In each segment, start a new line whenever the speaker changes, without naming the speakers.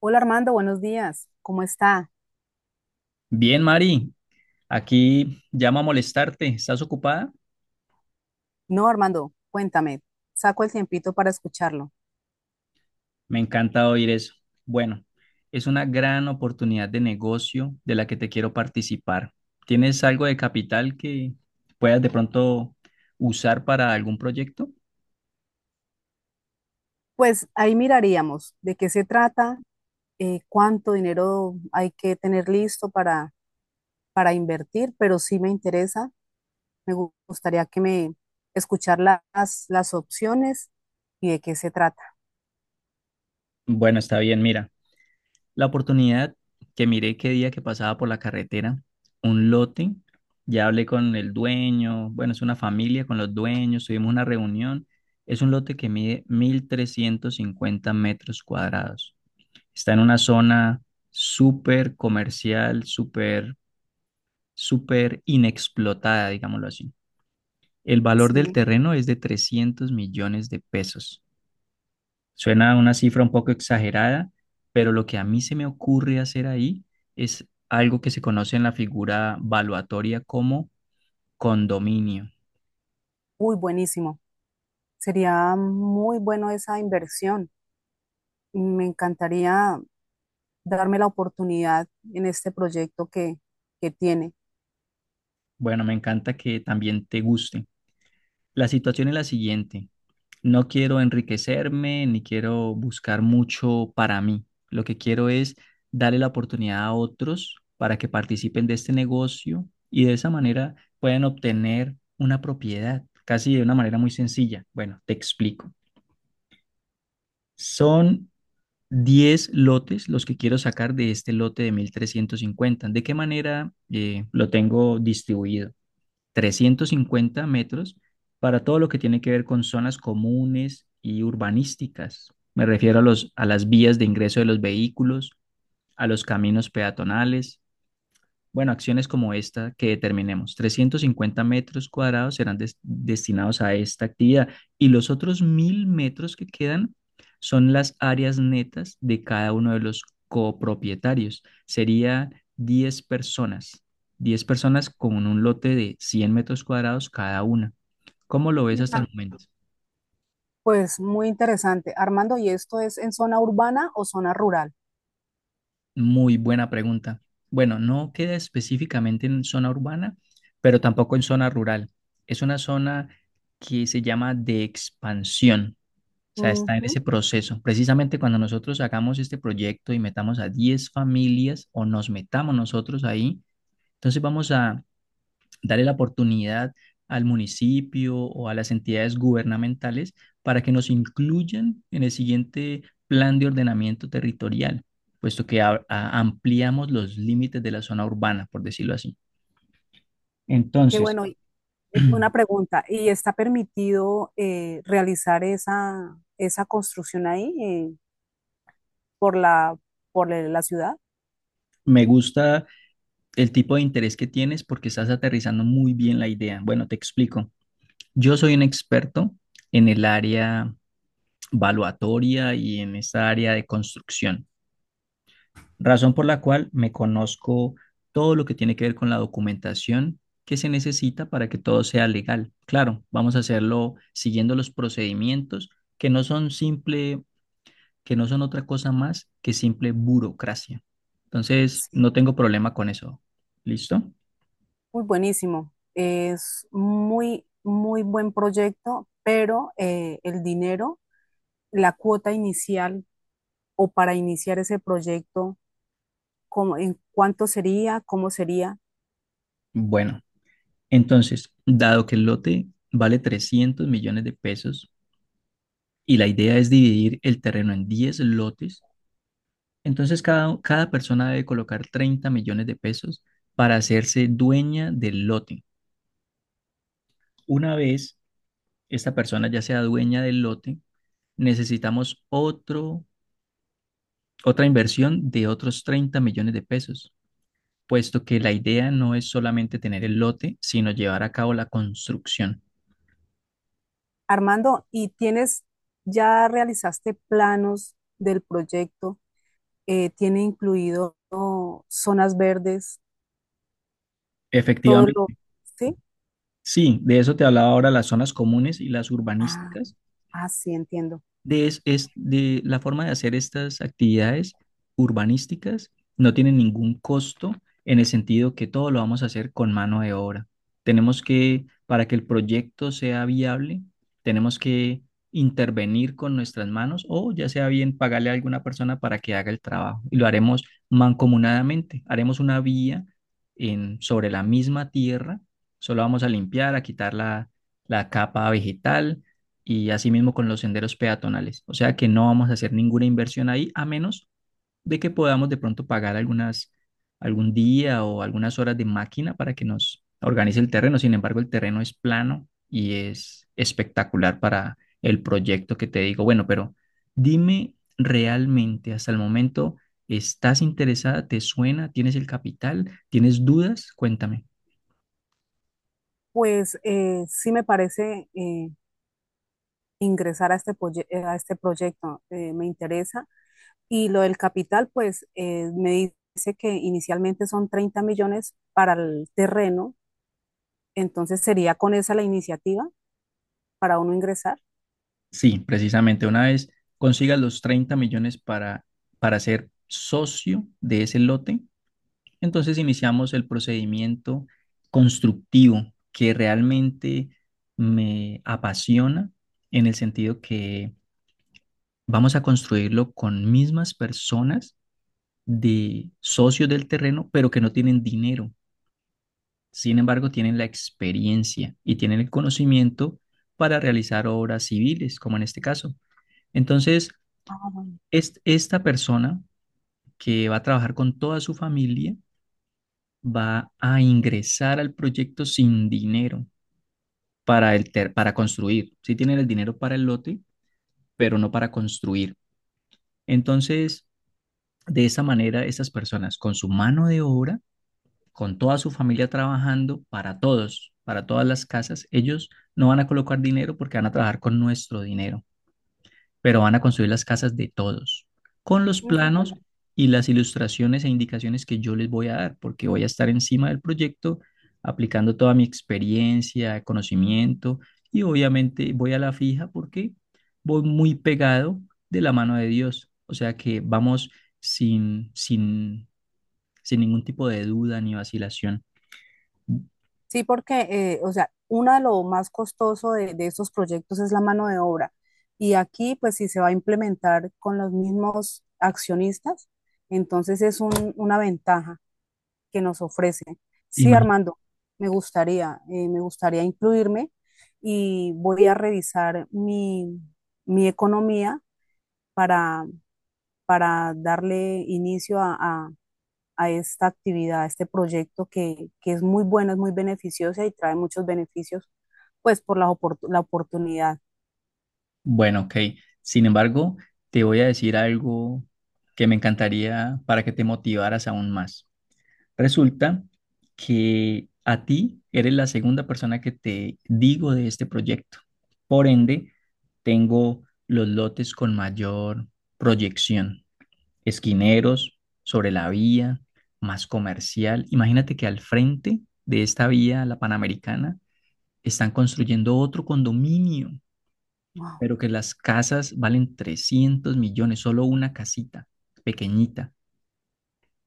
Hola Armando, buenos días. ¿Cómo está?
Bien, Mari, aquí llamo a molestarte. ¿Estás ocupada?
No, Armando, cuéntame. Saco el tiempito para escucharlo.
Me encanta oír eso. Bueno, es una gran oportunidad de negocio de la que te quiero participar. ¿Tienes algo de capital que puedas de pronto usar para algún proyecto?
Pues ahí miraríamos de qué se trata, cuánto dinero hay que tener listo para invertir, pero sí me interesa. Gustaría que me escuchar las opciones y de qué se trata.
Bueno, está bien, mira. La oportunidad que miré qué día que pasaba por la carretera, un lote, ya hablé con el dueño, bueno, es una familia con los dueños, tuvimos una reunión, es un lote que mide 1.350 metros cuadrados. Está en una zona súper comercial, súper, súper inexplotada, digámoslo así. El valor del
Sí,
terreno es de 300 millones de pesos. Suena una cifra un poco exagerada, pero lo que a mí se me ocurre hacer ahí es algo que se conoce en la figura valuatoria como condominio.
uy, buenísimo. Sería muy bueno esa inversión. Me encantaría darme la oportunidad en este que tiene.
Bueno, me encanta que también te guste. La situación es la siguiente. No quiero enriquecerme ni quiero buscar mucho para mí. Lo que quiero es darle la oportunidad a otros para que participen de este negocio y de esa manera puedan obtener una propiedad, casi de una manera muy sencilla. Bueno, te explico. Son 10 lotes los que quiero sacar de este lote de 1350. ¿De qué manera lo tengo distribuido? 350 metros para todo lo que tiene que ver con zonas comunes y urbanísticas. Me refiero a a las vías de ingreso de los vehículos, a los caminos peatonales, bueno, acciones como esta que determinemos, 350 metros cuadrados serán destinados a esta actividad y los otros 1000 metros que quedan son las áreas netas de cada uno de los copropietarios. Sería 10 personas con un lote de 100 metros cuadrados cada una. ¿Cómo lo ves hasta el momento?
Pues muy interesante. Armando, ¿y esto es en zona urbana o zona rural?
Muy buena pregunta. Bueno, no queda específicamente en zona urbana, pero tampoco en zona rural. Es una zona que se llama de expansión. O sea, está en ese
Ujú.
proceso. Precisamente cuando nosotros hagamos este proyecto y metamos a 10 familias o nos metamos nosotros ahí, entonces vamos a darle la oportunidad al municipio o a las entidades gubernamentales para que nos incluyan en el siguiente plan de ordenamiento territorial, puesto que ampliamos los límites de la zona urbana, por decirlo así.
Qué
Entonces,
bueno. Una pregunta, ¿y está permitido realizar esa construcción ahí por por la ciudad?
me gusta el tipo de interés que tienes porque estás aterrizando muy bien la idea. Bueno, te explico. Yo soy un experto en el área valuatoria y en esa área de construcción. Razón por la cual me conozco todo lo que tiene que ver con la documentación que se necesita para que todo sea legal. Claro, vamos a hacerlo siguiendo los procedimientos que no son simple, que no son otra cosa más que simple burocracia. Entonces,
Sí.
no tengo problema con eso. ¿Listo?
Muy buenísimo. Es muy, muy buen proyecto, pero el dinero, la cuota inicial o para iniciar ese proyecto, ¿en cuánto sería? ¿Cómo sería?
Bueno, entonces, dado que el lote vale 300 millones de pesos y la idea es dividir el terreno en 10 lotes, entonces cada persona debe colocar 30 millones de pesos para hacerse dueña del lote. Una vez esta persona ya sea dueña del lote, necesitamos otra inversión de otros 30 millones de pesos, puesto que la idea no es solamente tener el lote, sino llevar a cabo la construcción.
Armando, ¿ya realizaste planos del proyecto? ¿Tiene incluido oh, zonas verdes? Todo lo...
Efectivamente,
¿Sí?
sí, de eso te hablaba ahora las zonas comunes y las
Ah,
urbanísticas
ah, sí, entiendo.
de, es de la forma de hacer estas actividades urbanísticas no tiene ningún costo en el sentido que todo lo vamos a hacer con mano de obra. Tenemos que, para que el proyecto sea viable, tenemos que intervenir con nuestras manos o ya sea bien pagarle a alguna persona para que haga el trabajo. Y lo haremos mancomunadamente. Haremos una vía en, sobre la misma tierra. Solo vamos a limpiar, a quitar la capa vegetal y asimismo con los senderos peatonales. O sea que no vamos a hacer ninguna inversión ahí, a menos de que podamos de pronto pagar algún día o algunas horas de máquina para que nos organice el terreno. Sin embargo, el terreno es plano y es espectacular para el proyecto que te digo. Bueno, pero dime realmente hasta el momento, ¿estás interesada? ¿Te suena? ¿Tienes el capital? ¿Tienes dudas? Cuéntame.
Pues sí me parece ingresar a a este proyecto, me interesa. Y lo del capital, pues me dice que inicialmente son 30 millones para el terreno, entonces sería con esa la iniciativa para uno ingresar.
Sí, precisamente, una vez consigas los 30 millones para ser socio de ese lote, entonces iniciamos el procedimiento constructivo que realmente me apasiona en el sentido que vamos a construirlo con mismas personas de socios del terreno, pero que no tienen dinero. Sin embargo, tienen la experiencia y tienen el conocimiento para realizar obras civiles, como en este caso. Entonces, esta persona que va a trabajar con toda su familia va a ingresar al proyecto sin dinero para, para construir. Sí tienen el dinero para el lote, pero no para construir. Entonces, de esa manera, esas personas con su mano de obra, con toda su familia trabajando para todos, para todas las casas, ellos no van a colocar dinero porque van a trabajar con nuestro dinero, pero van a construir las casas de todos, con los planos
Mm.
y las ilustraciones e indicaciones que yo les voy a dar, porque voy a estar encima del proyecto, aplicando toda mi experiencia, conocimiento, y obviamente voy a la fija porque voy muy pegado de la mano de Dios, o sea que vamos sin, sin, sin ningún tipo de duda ni vacilación.
Sí, porque, o sea, uno de lo más costoso de estos proyectos es la mano de obra. Y aquí, pues, si se va a implementar con los mismos accionistas, entonces es una ventaja que nos ofrece. Sí,
Imag-
Armando, me gustaría incluirme y voy a revisar mi economía para, para darle inicio a esta actividad, a este que es muy bueno, es muy beneficiosa y trae muchos beneficios, pues por la oportunidad.
Bueno, ok. Sin embargo, te voy a decir algo que me encantaría para que te motivaras aún más. Resulta que a ti eres la segunda persona que te digo de este proyecto. Por ende, tengo los lotes con mayor proyección. Esquineros, sobre la vía, más comercial. Imagínate que al frente de esta vía, la Panamericana, están construyendo otro condominio,
Wow,
pero que las casas valen 300 millones, solo una casita pequeñita.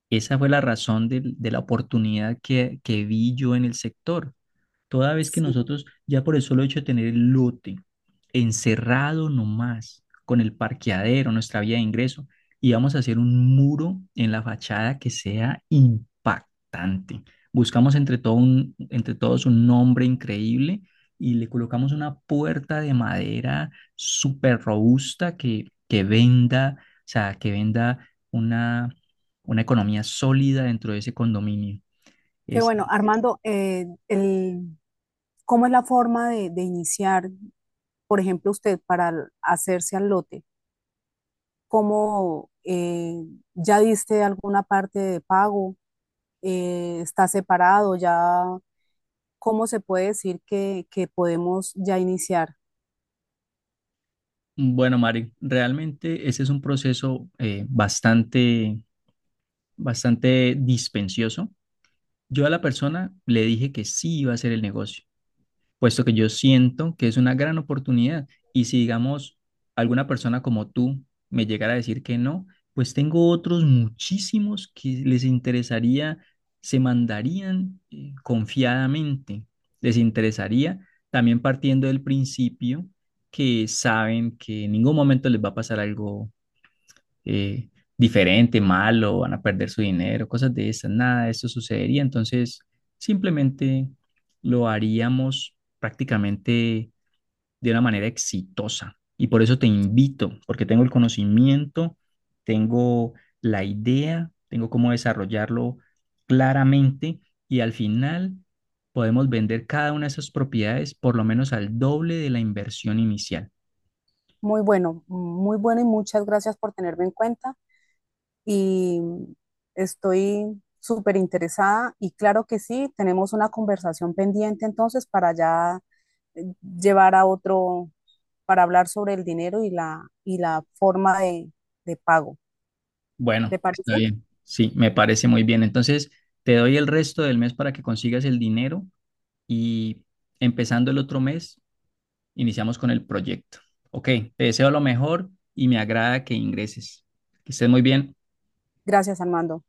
Esa fue la razón de la oportunidad que vi yo en el sector. Toda vez que
sí.
nosotros, ya por el solo hecho de tener el lote encerrado nomás con el parqueadero, nuestra vía de ingreso, íbamos a hacer un muro en la fachada que sea impactante. Buscamos entre todos un nombre increíble y le colocamos una puerta de madera súper robusta que venda, o sea, que venda una economía sólida dentro de ese condominio.
Qué
Es,
bueno, Armando, ¿cómo es la forma de iniciar, por ejemplo, usted para hacerse al lote? ¿Cómo ya diste alguna parte de pago? ¿Está separado ya? ¿Cómo se puede decir que podemos ya iniciar?
bueno, Mari, realmente ese es un proceso bastante, bastante dispendioso. Yo a la persona le dije que sí iba a hacer el negocio puesto que yo siento que es una gran oportunidad. Y si, digamos, alguna persona como tú me llegara a decir que no, pues tengo otros muchísimos que les interesaría, se mandarían confiadamente, les interesaría también partiendo del principio que saben que en ningún momento les va a pasar algo eh, diferente, malo, van a perder su dinero, cosas de esas. Nada de esto sucedería. Entonces, simplemente lo haríamos prácticamente de una manera exitosa. Y por eso te invito, porque tengo el conocimiento, tengo la idea, tengo cómo desarrollarlo claramente y al final podemos vender cada una de esas propiedades por lo menos al doble de la inversión inicial.
Muy bueno, muy bueno y muchas gracias por tenerme en cuenta. Y estoy súper interesada y claro que sí, tenemos una conversación pendiente entonces para ya eh, llevar a otro, para hablar sobre el dinero y y la forma de pago.
Bueno,
¿Te
está
parece?
bien. Sí, me parece muy bien. Entonces, te doy el resto del mes para que consigas el dinero y empezando el otro mes, iniciamos con el proyecto. Ok, te deseo lo mejor y me agrada que ingreses. Que estés muy bien.
Gracias, Armando.